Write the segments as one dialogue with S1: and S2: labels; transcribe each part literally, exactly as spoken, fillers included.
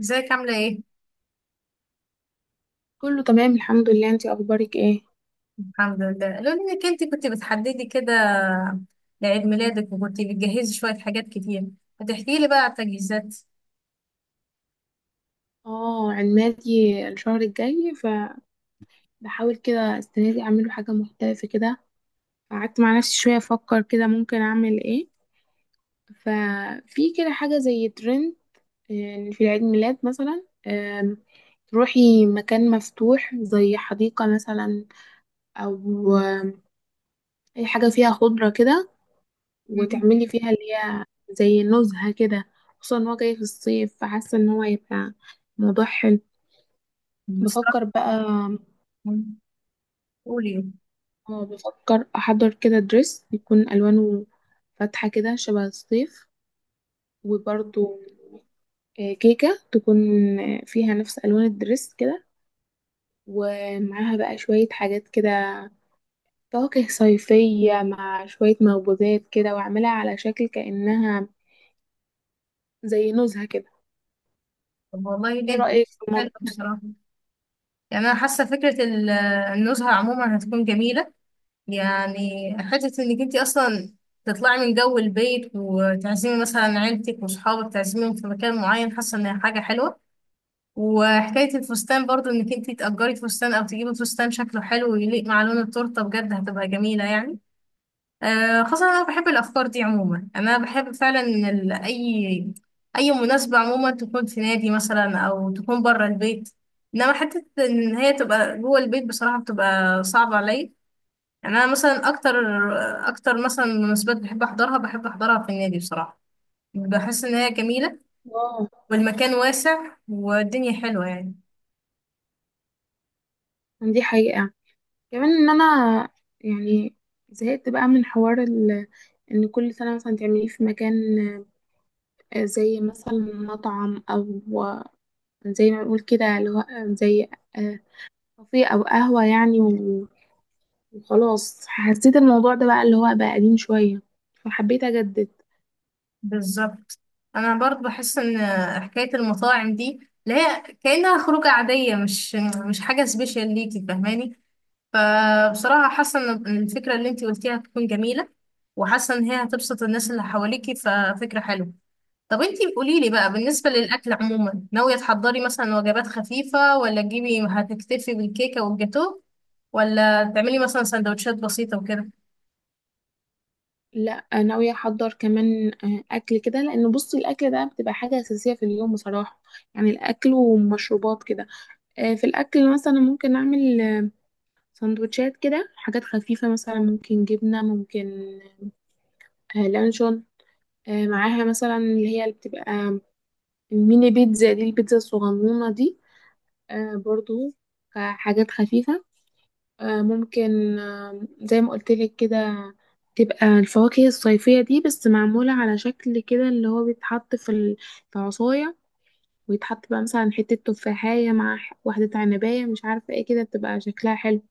S1: ازيك عاملة ايه؟
S2: كله تمام الحمد لله، انتي اخبارك ايه؟
S1: الحمد لله، لو انك انت كنت بتحددي كده لعيد ميلادك وكنت بتجهزي شوية حاجات كتير، هتحكي لي بقى على التجهيزات؟
S2: اه عمادي الشهر الجاي، فبحاول كده السنه دي اعمله حاجه مختلفه كده. قعدت مع نفسي شويه افكر كده ممكن اعمل ايه. ففي كده حاجه زي ترند. آه، في العيد ميلاد مثلا آم، تروحي مكان مفتوح زي حديقه مثلا، او آم، اي حاجه فيها خضره كده،
S1: مم.
S2: وتعملي فيها اللي هي زي نزهه كده. خصوصا ان هو جاي في الصيف، فحاسه ان هو هيبقى موضوع حلو.
S1: بصراحة.
S2: بفكر بقى.
S1: مم. قولي.
S2: اه بفكر احضر كده دريس يكون الوانه فاتحه كده شبه الصيف، وبرضو آه، كيكه تكون آه، فيها نفس الوان الدريس كده، ومعاها بقى شويه حاجات كده، فواكه صيفيه مع شويه مخبوزات كده، واعملها على شكل كانها زي نزهه كده.
S1: طب والله
S2: ايه
S1: ليه؟
S2: رايك في
S1: حلو
S2: الموضوع ده؟
S1: بصراحة. يعني أنا حاسة فكرة ال- النزهة عموما هتكون جميلة، يعني حتة إنك انت أصلا تطلعي من جو البيت وتعزمي مثلا عيلتك وصحابك، تعزميهم في مكان معين، حاسة إنها حاجة حلوة. وحكاية الفستان برضو، انك انتي تأجري فستان او تجيبي فستان شكله حلو ويليق مع لون التورتة، بجد هتبقى جميلة يعني. آه، خاصة انا بحب الافكار دي عموما، انا بحب فعلا إن ال- اي اي مناسبة عموما تكون في نادي مثلا او تكون بره البيت، انما حتة ان هي تبقى جوه البيت بصراحة بتبقى صعبة عليا. يعني انا مثلا اكتر اكتر مثلا مناسبات بحب احضرها بحب احضرها في النادي بصراحة، بحس ان هي جميلة
S2: اه
S1: والمكان واسع والدنيا حلوة يعني.
S2: دي حقيقه، كمان ان انا يعني زهقت بقى من حوار ال- ان كل سنه مثلا تعمليه في مكان، آه، زي مثلا مطعم، او زي ما بنقول كده اللي هو آه، زي آه، كافيه او قهوة يعني، و- وخلاص حسيت الموضوع ده بقى اللي هو بقى قديم شوية، فحبيت اجدد.
S1: بالظبط، انا برضو بحس ان حكايه المطاعم دي اللي هي كانها خروجه عاديه، مش مش حاجه سبيشال ليكي، فاهماني؟ فبصراحه حاسه ان الفكره اللي انتي قلتيها هتكون جميله، وحاسه ان هي هتبسط الناس اللي حواليكي، ففكره حلوه. طب انتي قولي لي بقى، بالنسبه للاكل عموما ناويه تحضري مثلا وجبات خفيفه، ولا تجيبي هتكتفي بالكيكه والجاتوه، ولا تعملي مثلا سندوتشات بسيطه وكده؟
S2: لا ناوية احضر كمان آه، اكل كده، لان بصي الاكل ده بتبقى حاجة اساسية في اليوم بصراحة. يعني الاكل ومشروبات كده. آه، في الاكل مثلا ممكن اعمل آه، سندوتشات كده، حاجات خفيفة مثلا، ممكن جبنة، ممكن آه، لانشون، آه، معاها مثلا اللي هي اللي بتبقى الميني بيتزا دي، البيتزا الصغنونة دي، آه برضو كحاجات خفيفة. آه ممكن آه زي ما قلتلك كده تبقى الفواكه الصيفية دي، بس معمولة على شكل كده اللي هو بيتحط في ال- في عصاية، ويتحط بقى مثلا حتة تفاحية مع ح- واحدة عنباية، مش عارفة ايه كده، بتبقى شكلها حلو.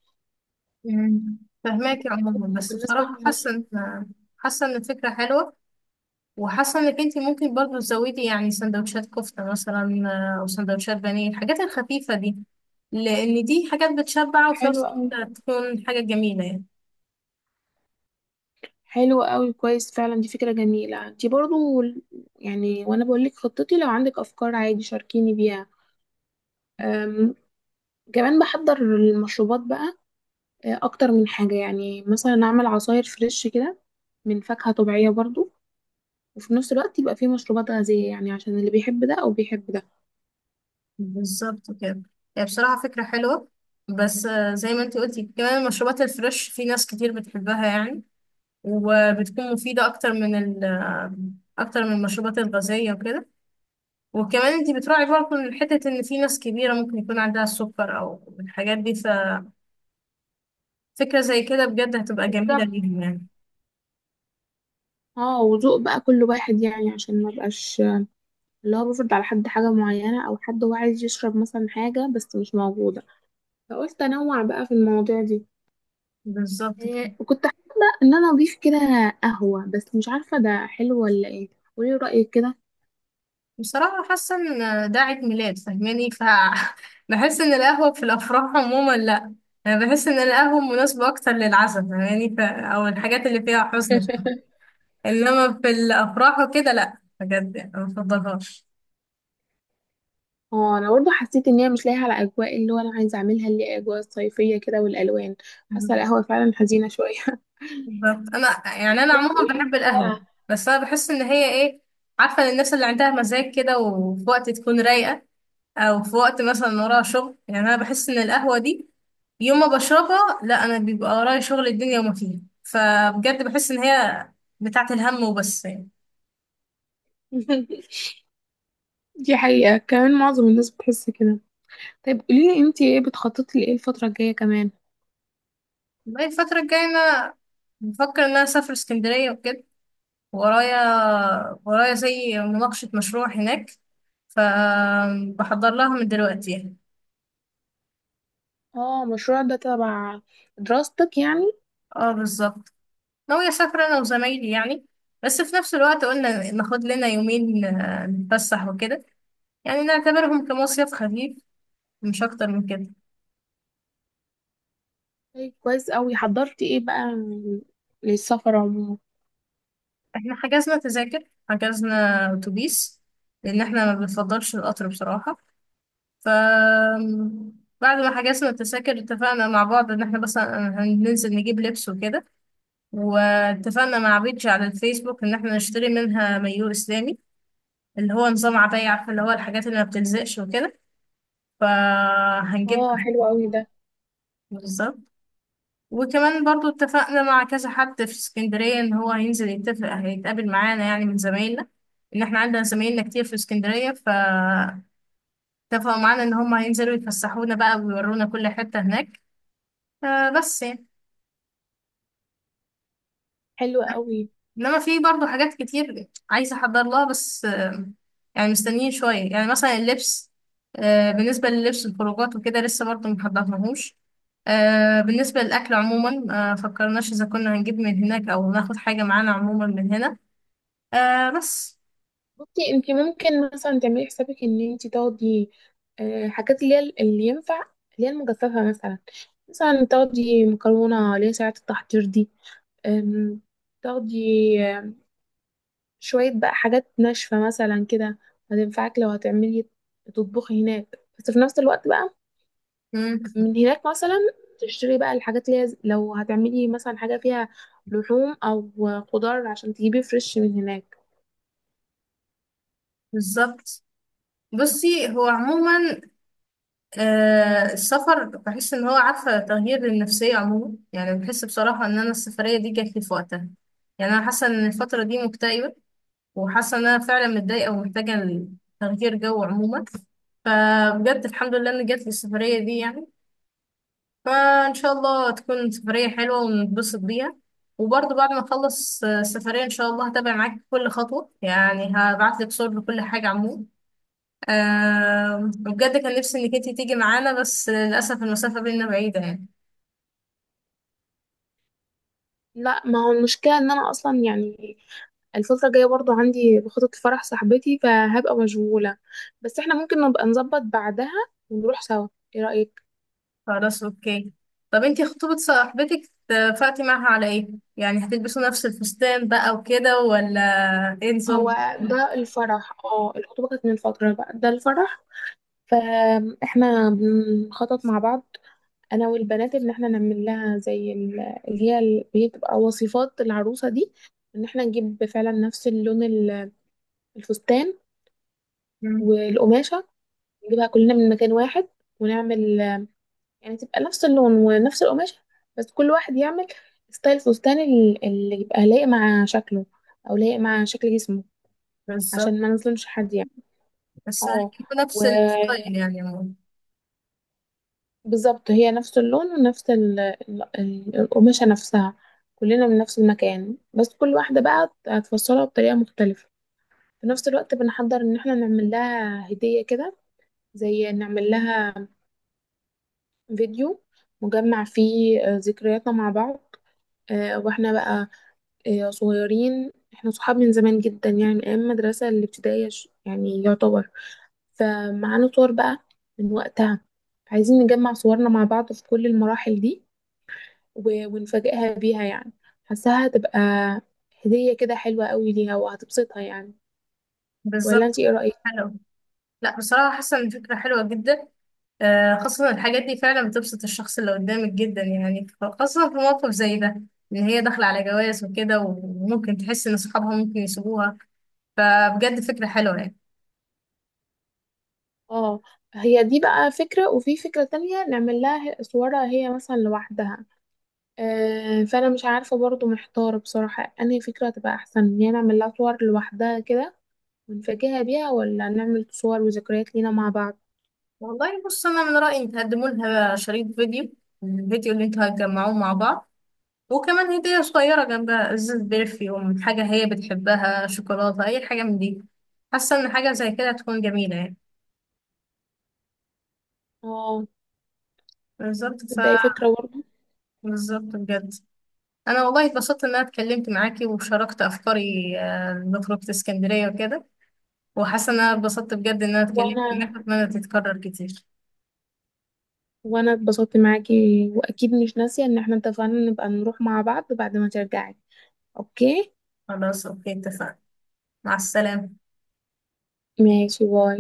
S1: مم. فهماكي عموما، بس
S2: بالنسبة
S1: بصراحة حاسة
S2: للمشروب،
S1: إن حاسة إن الفكرة حلوة. وحاسة إنك أنت ممكن برضو تزودي يعني سندوتشات كفتة مثلا، آه، أو سندوتشات بانيه، الحاجات الخفيفة دي، لأن دي حاجات بتشبع وفي
S2: حلو
S1: نفس
S2: أوي.
S1: الوقت تكون حاجة جميلة يعني.
S2: حلو أوي، كويس، فعلا دي فكرة جميلة دي برضو. يعني وأنا بقولك خطتي، لو عندك أفكار عادي شاركيني بيها. كمان بحضر المشروبات بقى آه، اكتر من حاجة، يعني مثلا اعمل عصاير فريش كده من فاكهة طبيعية برضو، وفي نفس الوقت يبقى فيه مشروبات غازية، يعني عشان اللي بيحب ده او بيحب ده.
S1: بالظبط كده. هي بصراحة فكرة حلوة، بس آه، زي ما أنت قلتي، كمان المشروبات الفريش في ناس كتير بتحبها يعني، وبتكون مفيدة أكتر من ال آه، أكتر من المشروبات الغازية وكده. وكمان انتي بتراعي برضه من حتة ان في ناس كبيرة ممكن يكون عندها السكر او الحاجات دي، ففكرة زي كده بجد هتبقى جميلة
S2: بالظبط.
S1: ليهم يعني.
S2: اه وذوق بقى كل واحد، يعني عشان ما بقاش اللي هو بفرض على حد حاجة معينة، او حد هو عايز يشرب مثلا حاجة بس مش موجودة، فقلت انوع بقى في المواضيع دي.
S1: بالظبط كده.
S2: إيه وكنت حابة ان انا اضيف كده قهوة، بس مش عارفة ده حلو ولا ايه. قولي رأيك كده.
S1: بصراحة حاسة ان ده عيد ميلاد، فاهماني؟ ف بحس ان القهوة في الافراح عموما، لا. انا بحس ان القهوة مناسبة اكتر للعزاء، فاهماني؟ ف... او الحاجات اللي فيها حزن شوية. انما في الافراح وكده لا، بجد يعني ما بفضلهاش.
S2: اه انا برضه حسيت ان هي مش لايقه على اجواء اللي هو انا عايزه اعملها، اللي هي اجواء الصيفيه كده والالوان. حاسه القهوه فعلا حزينه شويه.
S1: بالظبط، انا يعني انا عموما
S2: قولي لي
S1: بحب القهوه،
S2: بقى.
S1: بس انا بحس ان هي ايه، عارفه الناس اللي عندها مزاج كده، وفي وقت تكون رايقه او في وقت مثلا وراها شغل، يعني انا بحس ان القهوه دي يوم ما بشربها، لا، انا بيبقى ورايا شغل الدنيا وما فيها، فبجد بحس ان هي بتاعت الهم وبس يعني.
S2: دي حقيقه، كمان معظم الناس بتحس كده. طيب قولي لي انتي ايه بتخططي لايه الفتره الجايه كمان؟
S1: بقى الفتره الجايه انا بفكر ان انا اسافر اسكندريه وكده، ورايا ورايا زي مناقشه مشروع هناك، فبحضر لها من دلوقتي يعني.
S2: اه المشروع ده تبع دراستك يعني؟
S1: اه بالظبط. ناوية أسافر أنا وزمايلي يعني، بس في نفس الوقت قلنا ناخد لنا يومين آه، نتفسح وكده، يعني نعتبرهم كمصيف خفيف، مش أكتر من كده.
S2: طيب كويس قوي. حضرتي ايه بقى للسفر عموما؟
S1: احنا حجزنا تذاكر، حجزنا أتوبيس لأن احنا ما بنفضلش القطر بصراحة. ف بعد ما حجزنا التذاكر، اتفقنا مع بعض ان احنا بس آه، هننزل نجيب لبس وكده. واتفقنا مع بيج على الفيسبوك ان احنا نشتري منها مايو اسلامي، اللي هو نظام عباية، عارفة، اللي هو الحاجات اللي ما بتلزقش وكده،
S2: اه حلو
S1: فهنجيبها.
S2: قوي ده.
S1: بالظبط. وكمان برضو اتفقنا مع كذا حد في اسكندرية ان هو هينزل يتفق، هيتقابل معانا يعني، من زمايلنا، ان احنا عندنا زمايلنا كتير في اسكندرية، فاتفقوا معانا ان هم هينزلوا يتفسحونا بقى ويورونا كل حتة هناك، آه، بس يعني.
S2: حلو قوي.
S1: انما في برضه حاجات كتير عايزه احضر لها، بس آه، يعني مستنيين شويه، يعني مثلا اللبس، آه، بالنسبه للبس الخروجات وكده لسه برضه محضرناهوش. آه، بالنسبه للاكل عموما آه، فكرناش اذا كنا هنجيب من هناك او ناخد حاجه معانا عموما من هنا، آه، بس.
S2: بصي انت ممكن مثلا تعملي حسابك ان انت تاخدي آه، حاجات اللي هي اللي ينفع، اللي هي المجففه مثلا. مثلا تاخدي مكرونه اللي هي ساعه التحضير دي، آم، تاخدي آم، شويه بقى حاجات ناشفه مثلا كده، هتنفعك لو هتعملي تطبخي هناك. بس في نفس الوقت بقى
S1: مم.
S2: من هناك مثلا تشتري بقى الحاجات اللي هي لو هتعملي مثلا حاجه فيها لحوم، او خضار، عشان تجيبي فريش من هناك.
S1: بالظبط. بصي هو عموما آه، السفر بحس ان هو عارفه تغيير للنفسيه عموما، يعني بحس بصراحه ان انا السفريه دي جات لي في وقتها. يعني انا حاسه ان الفتره دي مكتئبه، وحاسه ان انا فعلا متضايقه ومحتاجه تغيير جو عموما، فبجد الحمد لله ان جات لي السفريه دي يعني. فان شاء الله تكون سفريه حلوه ونتبسط بيها. وبرضه بعد ما اخلص آه، السفريه ان شاء الله هتابع معاك كل خطوه، يعني هبعت لك صور لكل حاجه عموما. آه، وبجد كان نفسي انك انت تيجي معانا، بس للاسف المسافه بينا بعيده يعني.
S2: لا ما هو المشكلة ان انا اصلا يعني الفترة الجاية برضو عندي بخطط فرح صاحبتي، فهبقى مشغولة. بس احنا ممكن نبقى نظبط بعدها ونروح سوا. ايه رأيك؟
S1: خلاص اوكي. طب انتي خطوبة صاحبتك، اتفقتي معاها على ايه؟ يعني هتلبسوا نفس الفستان بقى وكده، ولا ايه
S2: هو
S1: نظام؟
S2: ده الفرح. اه الخطوبة كانت من فترة بقى، ده الفرح. فاحنا بنخطط مع بعض، انا والبنات، ان احنا نعمل لها زي ال- اللي هي اللي هي بتبقى وصفات العروسة دي. ان احنا نجيب فعلا نفس اللون ال- الفستان
S1: مم.
S2: والقماشة، نجيبها كلنا من مكان واحد، ونعمل يعني تبقى نفس اللون ونفس القماشة، بس كل واحد يعمل ستايل فستان ال- اللي يبقى لايق مع شكله، او لايق مع شكل جسمه،
S1: بالظبط.
S2: عشان ما نظلمش حد يعني.
S1: بس
S2: اه
S1: هتجيبوا نفس الستايل يعني عموماً.
S2: وبالظبط هي نفس اللون ونفس ال- ال- ال- القماشة نفسها، كلنا من نفس المكان، بس كل واحدة بقى هتفصلها بطريقة مختلفة. في نفس الوقت بنحضر ان احنا نعمل لها هدية كده، زي نعمل لها فيديو مجمع فيه آه، ذكرياتنا مع بعض. آه، واحنا بقى آه، صغيرين، احنا صحاب من زمان جدا يعني من ايام المدرسة الابتدائية، ش- يعني يعتبر. فمعانا صور بقى من وقتها، عايزين نجمع صورنا مع بعض في كل المراحل دي، و- ونفاجئها بيها يعني. حاساها هتبقى هدية كده حلوة قوي ليها، وهتبسطها يعني. ولا
S1: بالظبط.
S2: انت ايه رأيك؟
S1: حلو. لا بصراحة حاسة ان الفكرة حلوة جدا، آه، خاصة إن الحاجات دي فعلا بتبسط الشخص اللي قدامك جدا يعني، خاصة في موقف زي ده، ان هي داخلة على جواز وكده وممكن تحس ان صحابها ممكن يسيبوها، فبجد فكرة حلوة يعني.
S2: اه هي دي بقى فكرة، وفي فكرة تانية نعمل لها صورها هي مثلا لوحدها. آه، فانا مش عارفه برضو، محتاره بصراحه انهي فكره تبقى احسن، ان هي نعمل لها صور لوحدها كده ونفاجئها بيها، ولا نعمل صور وذكريات لينا مع بعض.
S1: والله بص، انا من رايي إن تقدموا لها شريط فيديو، الفيديو اللي انتوا هتجمعوه مع بعض، وكمان هديه صغيره جنبها، ازاز برفيوم، حاجه هي بتحبها، شوكولاته، اي حاجه من دي، حاسه ان حاجه زي كده هتكون جميله يعني.
S2: اه
S1: بالظبط. ف
S2: ده أي فكره برضو.
S1: بالظبط بجد. انا والله اتبسطت ان انا اتكلمت معاكي وشاركت افكاري، آه، لخروجه اسكندريه وكده، وحاسه ان انا اتبسطت بجد ان انا اتكلمت
S2: وانا
S1: معاك، واتمنى تتكرر كتير.
S2: وانا اتبسطت معاكي. واكيد مش ناسيه ان احنا اتفقنا نبقى نروح مع بعض بعد ما ترجعي. اوكي
S1: خلاص اوكي اتفقنا. مع السلامه.
S2: ماشي باي.